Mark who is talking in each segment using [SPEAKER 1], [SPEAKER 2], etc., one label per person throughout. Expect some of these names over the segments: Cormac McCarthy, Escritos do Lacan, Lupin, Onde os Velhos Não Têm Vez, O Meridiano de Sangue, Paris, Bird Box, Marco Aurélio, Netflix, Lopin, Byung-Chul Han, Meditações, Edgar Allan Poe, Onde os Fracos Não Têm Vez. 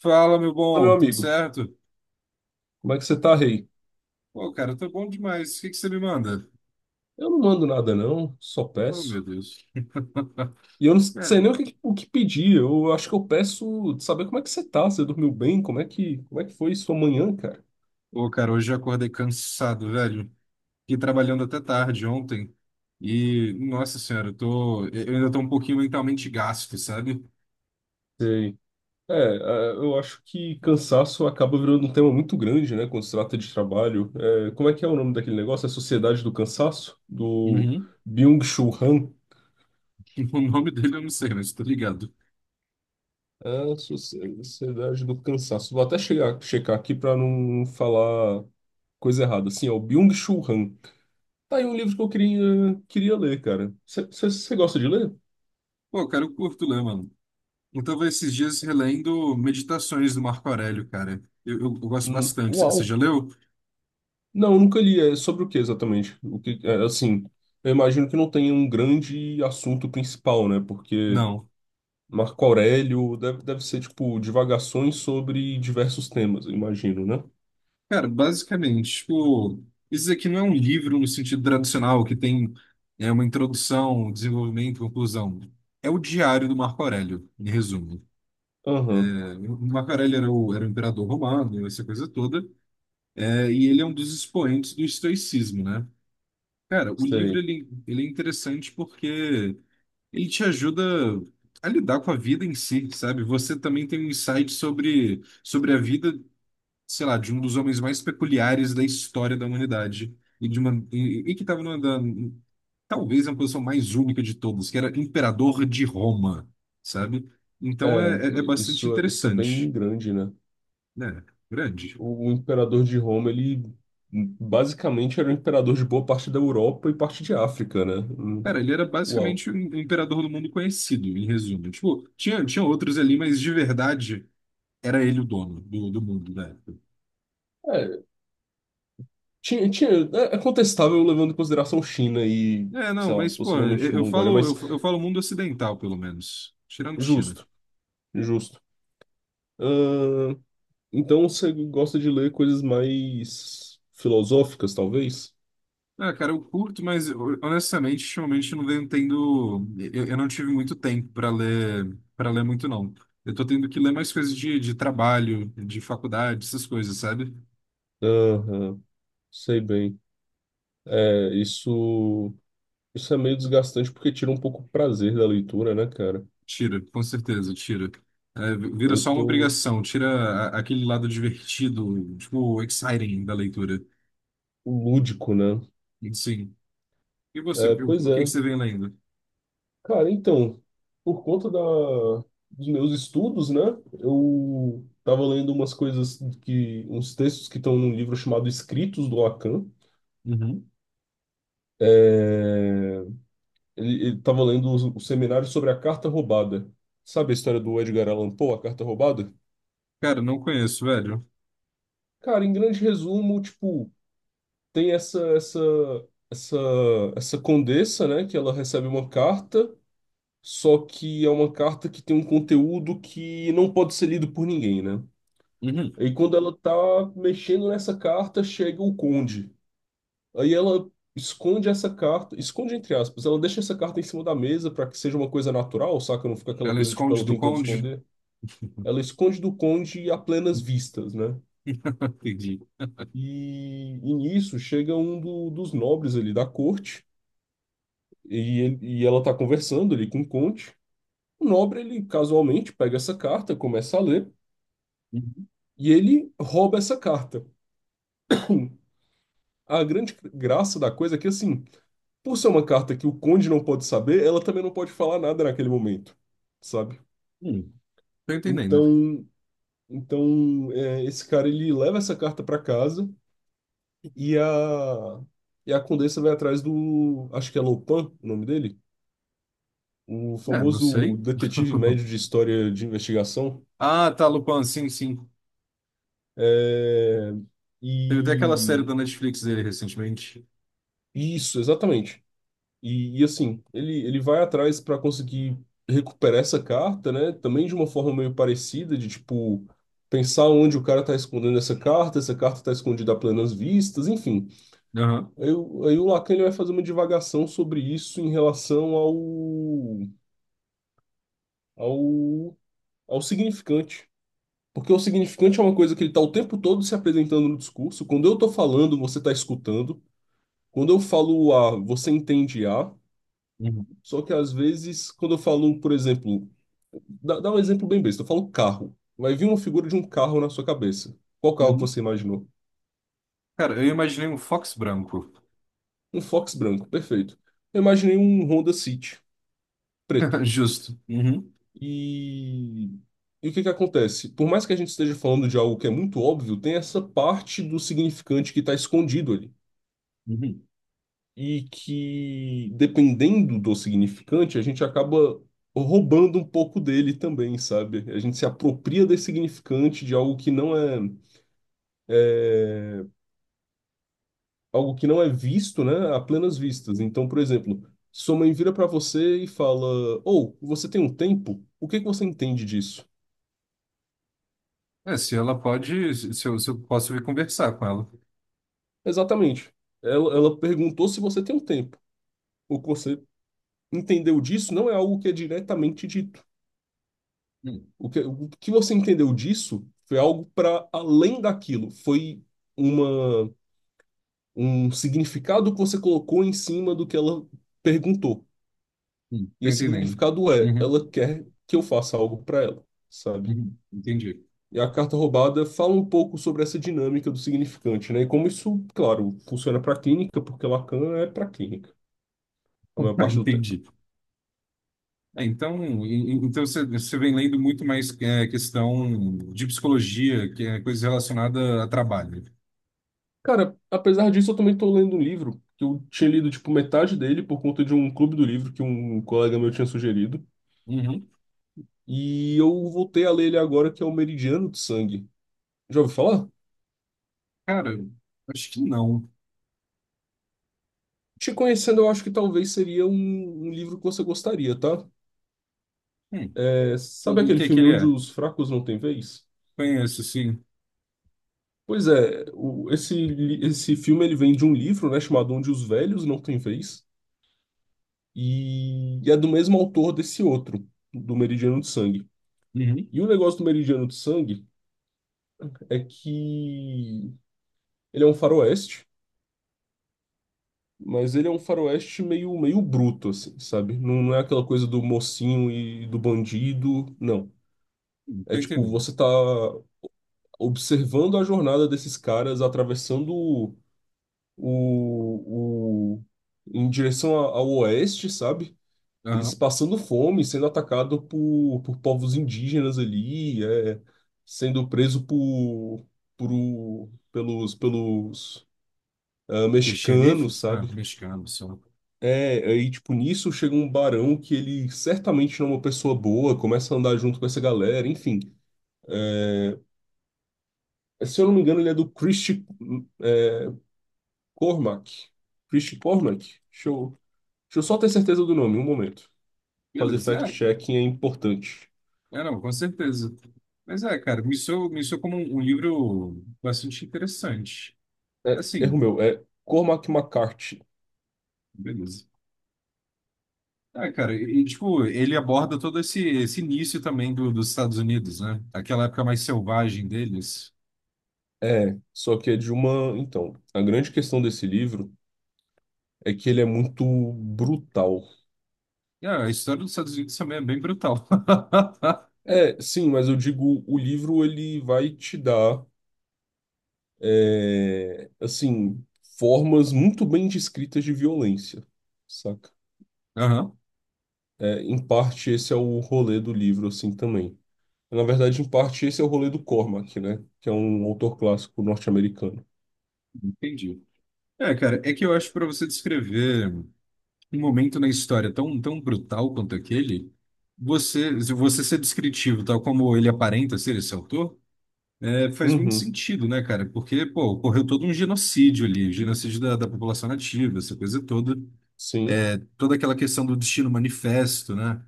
[SPEAKER 1] Fala, meu
[SPEAKER 2] Fala, meu
[SPEAKER 1] bom, tudo
[SPEAKER 2] amigo,
[SPEAKER 1] certo?
[SPEAKER 2] como é que você tá, rei?
[SPEAKER 1] Pô, cara, tá bom demais. O que que você me manda?
[SPEAKER 2] Eu não mando nada, não, só
[SPEAKER 1] Oh, meu
[SPEAKER 2] peço.
[SPEAKER 1] Deus.
[SPEAKER 2] E eu não sei nem o
[SPEAKER 1] É.
[SPEAKER 2] que, o que pedir, eu acho que eu peço saber como é que você tá, você dormiu bem, como é que foi sua manhã, cara?
[SPEAKER 1] Pô, cara, hoje eu acordei cansado, velho. Fiquei trabalhando até tarde ontem. E, nossa senhora, eu ainda tô um pouquinho mentalmente gasto, sabe?
[SPEAKER 2] Sei. Eu acho que cansaço acaba virando um tema muito grande, né, quando se trata de trabalho. É, como é que é o nome daquele negócio? É Sociedade do Cansaço? Do
[SPEAKER 1] Uhum.
[SPEAKER 2] Byung-Chul Han?
[SPEAKER 1] O nome dele eu não sei, mas tô ligado.
[SPEAKER 2] É, Sociedade do Cansaço. Vou até checar aqui pra não falar coisa errada. Assim, é o Byung-Chul Han. Tá aí um livro que eu queria ler, cara. Você gosta de ler?
[SPEAKER 1] Pô, cara, eu curto ler, mano. Eu tava esses dias relendo Meditações do Marco Aurélio, cara. Eu gosto bastante. Você
[SPEAKER 2] Uau!
[SPEAKER 1] já leu?
[SPEAKER 2] Não, nunca li. É sobre o que exatamente? Assim, eu imagino que não tenha um grande assunto principal, né? Porque
[SPEAKER 1] Não.
[SPEAKER 2] Marco Aurélio deve ser, tipo, divagações sobre diversos temas, eu imagino, né?
[SPEAKER 1] Cara, basicamente, tipo, isso aqui não é um livro no sentido tradicional, que tem uma introdução, um desenvolvimento, conclusão. É o diário do Marco Aurélio, em resumo.
[SPEAKER 2] Aham,
[SPEAKER 1] É, o Marco Aurélio era o imperador romano, essa coisa toda, é, e ele é um dos expoentes do estoicismo, né? Cara, o livro,
[SPEAKER 2] sei.
[SPEAKER 1] ele, ele é interessante porque ele te ajuda a lidar com a vida em si, sabe? Você também tem um insight sobre a vida sei lá, de um dos homens mais peculiares da história da humanidade e que estava talvez a posição mais única de todos, que era imperador de Roma, sabe? Então
[SPEAKER 2] É,
[SPEAKER 1] é bastante
[SPEAKER 2] isso, isso é bem
[SPEAKER 1] interessante,
[SPEAKER 2] grande, né?
[SPEAKER 1] né? Grande.
[SPEAKER 2] O imperador de Roma, ele basicamente era o imperador de boa parte da Europa e parte de África, né?
[SPEAKER 1] Cara, ele era
[SPEAKER 2] Uau.
[SPEAKER 1] basicamente um imperador do mundo conhecido, em resumo. Tipo, tinha outros ali, mas de verdade era ele o dono do mundo da época.
[SPEAKER 2] É, tinha, é contestável levando em consideração China e,
[SPEAKER 1] É, não,
[SPEAKER 2] sei lá,
[SPEAKER 1] Mas, pô,
[SPEAKER 2] possivelmente Mongólia, mas
[SPEAKER 1] eu falo mundo ocidental, pelo menos. Tirando China.
[SPEAKER 2] justo, justo. Ahn, então você gosta de ler coisas mais filosóficas, talvez?
[SPEAKER 1] Ah, cara, eu curto, mas honestamente, ultimamente eu não venho tendo. Eu não tive muito tempo para ler muito, não. Eu tô tendo que ler mais coisas de trabalho, de faculdade, essas coisas, sabe?
[SPEAKER 2] Aham, sei bem. É, isso, isso é meio desgastante porque tira um pouco o prazer da leitura, né, cara?
[SPEAKER 1] Tira, com certeza, tira. É, vira
[SPEAKER 2] Eu
[SPEAKER 1] só uma
[SPEAKER 2] tô
[SPEAKER 1] obrigação, tira aquele lado divertido, tipo, exciting da leitura.
[SPEAKER 2] lúdico, né?
[SPEAKER 1] Sim. E você,
[SPEAKER 2] É, pois
[SPEAKER 1] o que que
[SPEAKER 2] é.
[SPEAKER 1] você vem lendo?
[SPEAKER 2] Cara, então, por conta da, dos meus estudos, né, eu tava lendo uns textos que estão num livro chamado Escritos do Lacan.
[SPEAKER 1] Uhum.
[SPEAKER 2] É, ele tava lendo o seminário sobre a carta roubada. Sabe a história do Edgar Allan Poe, a carta roubada?
[SPEAKER 1] Cara, não conheço, velho.
[SPEAKER 2] Cara, em grande resumo, tipo, tem essa essa condessa, né, que ela recebe uma carta, só que é uma carta que tem um conteúdo que não pode ser lido por ninguém, né?
[SPEAKER 1] Uhum.
[SPEAKER 2] E quando ela tá mexendo nessa carta, chega o conde. Aí ela esconde essa carta, esconde entre aspas, ela deixa essa carta em cima da mesa para que seja uma coisa natural, saca? Não fica aquela
[SPEAKER 1] Ela
[SPEAKER 2] coisa tipo
[SPEAKER 1] esconde
[SPEAKER 2] ela
[SPEAKER 1] do
[SPEAKER 2] tentando
[SPEAKER 1] conde?
[SPEAKER 2] esconder. Ela esconde do conde a plenas vistas, né?
[SPEAKER 1] Entendi.
[SPEAKER 2] E nisso chega um dos nobres ali da corte e, ela tá conversando ali com o conde. O nobre, ele casualmente pega essa carta, começa a ler
[SPEAKER 1] Uhum.
[SPEAKER 2] e ele rouba essa carta. A grande graça da coisa é que assim. Por ser uma carta que o conde não pode saber, ela também não pode falar nada naquele momento, sabe?
[SPEAKER 1] Hum. Tô entendendo.
[SPEAKER 2] Então, então é, esse cara ele leva essa carta para casa e a e a condessa vai atrás do, acho que é Lopin, o nome dele, o
[SPEAKER 1] É, não
[SPEAKER 2] famoso
[SPEAKER 1] sei.
[SPEAKER 2] detetive médio de história de investigação.
[SPEAKER 1] Ah, tá, Lupin, sim, sim.
[SPEAKER 2] É,
[SPEAKER 1] Teve até aquela série da
[SPEAKER 2] e
[SPEAKER 1] Netflix dele recentemente.
[SPEAKER 2] isso, exatamente. E, assim, ele vai atrás para conseguir recuperar essa carta, né? Também de uma forma meio parecida, de tipo, pensar onde o cara tá escondendo essa carta tá escondida a plenas vistas, enfim.
[SPEAKER 1] Aham.
[SPEAKER 2] Aí o Lacan ele vai fazer uma divagação sobre isso em relação ao, ao significante. Porque o significante é uma coisa que ele tá o tempo todo se apresentando no discurso. Quando eu tô falando, você tá escutando. Quando eu falo A, você entende A.
[SPEAKER 1] Uhum.
[SPEAKER 2] Só que às vezes, quando eu falo, por exemplo, dá um exemplo bem besta. Eu falo carro. Vai vir uma figura de um carro na sua cabeça. Qual carro que
[SPEAKER 1] Uhum.
[SPEAKER 2] você imaginou?
[SPEAKER 1] Cara, eu imaginei um Fox branco.
[SPEAKER 2] Um Fox branco, perfeito. Eu imaginei um Honda City, preto.
[SPEAKER 1] Justo. Uhum.
[SPEAKER 2] E... E o que que acontece? Por mais que a gente esteja falando de algo que é muito óbvio, tem essa parte do significante que está escondido ali.
[SPEAKER 1] Uhum.
[SPEAKER 2] E que, dependendo do significante, a gente acaba roubando um pouco dele também, sabe? A gente se apropria desse significante de algo que não é, é algo que não é visto, né, a plenas vistas. Então, por exemplo, sua mãe vira para você e fala: "Ou, você tem um tempo? O que que você entende disso?"
[SPEAKER 1] É, se ela pode, se eu posso vir conversar com ela.
[SPEAKER 2] Exatamente. Ela perguntou se você tem um tempo. O que você entendeu disso não é algo que é diretamente dito.
[SPEAKER 1] Hum,
[SPEAKER 2] O que você entendeu disso foi algo para além daquilo. Foi uma, um significado que você colocou em cima do que ela perguntou. E
[SPEAKER 1] tô
[SPEAKER 2] esse
[SPEAKER 1] entendendo.
[SPEAKER 2] significado é,
[SPEAKER 1] Uhum.
[SPEAKER 2] ela quer que eu faça algo para ela, sabe?
[SPEAKER 1] Uhum. Entendi.
[SPEAKER 2] E a carta roubada fala um pouco sobre essa dinâmica do significante, né? E como isso, claro, funciona para a clínica, porque Lacan é para a clínica, a maior parte do tempo.
[SPEAKER 1] Entendi. É, então, então você vem lendo muito mais é, questão de psicologia, que é coisa relacionada a trabalho.
[SPEAKER 2] Cara, apesar disso, eu também estou lendo um livro que eu tinha lido, tipo, metade dele por conta de um clube do livro que um colega meu tinha sugerido.
[SPEAKER 1] Uhum.
[SPEAKER 2] E eu voltei a ler ele agora, que é O Meridiano de Sangue. Já ouviu falar?
[SPEAKER 1] Cara, acho que não.
[SPEAKER 2] Te conhecendo, eu acho que talvez seria um livro que você gostaria, tá?
[SPEAKER 1] Hum.
[SPEAKER 2] É,
[SPEAKER 1] O
[SPEAKER 2] sabe
[SPEAKER 1] o
[SPEAKER 2] aquele
[SPEAKER 1] que que
[SPEAKER 2] filme
[SPEAKER 1] ele
[SPEAKER 2] Onde
[SPEAKER 1] é?
[SPEAKER 2] os Fracos Não Têm Vez?
[SPEAKER 1] Conheço, sim.
[SPEAKER 2] Pois é, esse filme ele vem de um livro, né, chamado Onde os Velhos Não Têm Vez, e é do mesmo autor desse outro, do Meridiano de Sangue.
[SPEAKER 1] Uhum.
[SPEAKER 2] E o negócio do Meridiano de Sangue é que ele é um faroeste, mas ele é um faroeste meio bruto, assim, sabe? Não é aquela coisa do mocinho e do bandido, não. É
[SPEAKER 1] Tô
[SPEAKER 2] tipo,
[SPEAKER 1] entendendo.
[SPEAKER 2] você tá observando a jornada desses caras atravessando o, o, em direção ao oeste, sabe? Eles
[SPEAKER 1] Aham.
[SPEAKER 2] passando fome, sendo atacado por povos indígenas ali, é, sendo preso pelos ah,
[SPEAKER 1] E
[SPEAKER 2] mexicanos,
[SPEAKER 1] xerifes? Ah,
[SPEAKER 2] sabe?
[SPEAKER 1] mexicano só.
[SPEAKER 2] É, aí, tipo, nisso chega um barão que ele certamente não é uma pessoa boa, começa a andar junto com essa galera, enfim. É, se eu não me engano, ele é do Christie é, Cormac. Christie Cormac? Deixa eu, deixa eu só ter certeza do nome, um momento. Fazer
[SPEAKER 1] Beleza, é.
[SPEAKER 2] fact-checking é importante.
[SPEAKER 1] É, não, com certeza. Mas é, cara, me soou como um livro bastante interessante.
[SPEAKER 2] É,
[SPEAKER 1] Assim,
[SPEAKER 2] erro meu, é Cormac McCarthy.
[SPEAKER 1] beleza. Ah, cara, tipo, ele aborda todo esse, esse início também dos Estados Unidos, né? Aquela época mais selvagem deles.
[SPEAKER 2] É, só que é de uma. Então, a grande questão desse livro é que ele é muito brutal.
[SPEAKER 1] E, ah, a história dos Estados Unidos também é bem brutal.
[SPEAKER 2] É, sim, mas eu digo, o livro ele vai te dar, é, assim, formas muito bem descritas de violência, saca?
[SPEAKER 1] Aham,
[SPEAKER 2] É, em parte, esse é o rolê do livro, assim, também. Na verdade, em parte, esse é o rolê do Cormac, né? Que é um autor clássico norte-americano.
[SPEAKER 1] entendi. É, cara, é que eu acho que para você descrever. Um momento na história tão brutal quanto aquele, você, se você ser descritivo, tal como ele aparenta ser esse autor, é, faz muito
[SPEAKER 2] Uhum,
[SPEAKER 1] sentido, né, cara? Porque, pô, ocorreu todo um genocídio ali, genocídio da população nativa, essa coisa toda,
[SPEAKER 2] sim.
[SPEAKER 1] toda aquela questão do destino manifesto, né?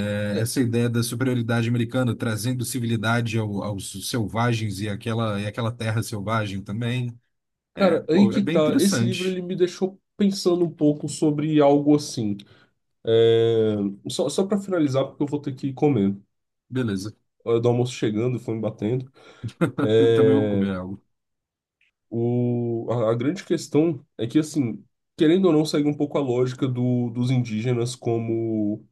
[SPEAKER 1] É,
[SPEAKER 2] É,
[SPEAKER 1] essa ideia da superioridade americana trazendo civilidade aos selvagens e aquela terra selvagem também. É,
[SPEAKER 2] cara, aí
[SPEAKER 1] pô, é
[SPEAKER 2] que
[SPEAKER 1] bem
[SPEAKER 2] tá. Esse livro
[SPEAKER 1] interessante.
[SPEAKER 2] ele me deixou pensando um pouco sobre algo assim. É, só para finalizar, porque eu vou ter que comer.
[SPEAKER 1] Beleza.
[SPEAKER 2] A hora do almoço chegando, foi me batendo.
[SPEAKER 1] Eu também vou
[SPEAKER 2] É,
[SPEAKER 1] comer algo.
[SPEAKER 2] o... a grande questão é que, assim, querendo ou não, segue um pouco a lógica do, dos indígenas como.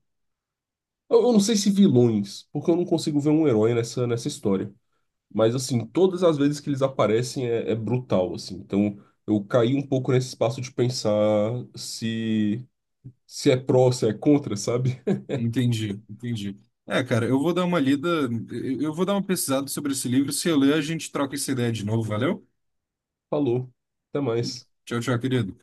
[SPEAKER 2] Eu não sei se vilões, porque eu não consigo ver um herói nessa história. Mas, assim, todas as vezes que eles aparecem é, é brutal, assim. Então, eu caí um pouco nesse espaço de pensar se. Se é pró, se é contra, sabe?
[SPEAKER 1] Entendi, entendi. É, cara, eu vou dar uma lida, eu vou dar uma pesquisada sobre esse livro. Se eu ler, a gente troca essa ideia de novo, valeu?
[SPEAKER 2] Falou. Até mais.
[SPEAKER 1] Tchau, tchau, querido.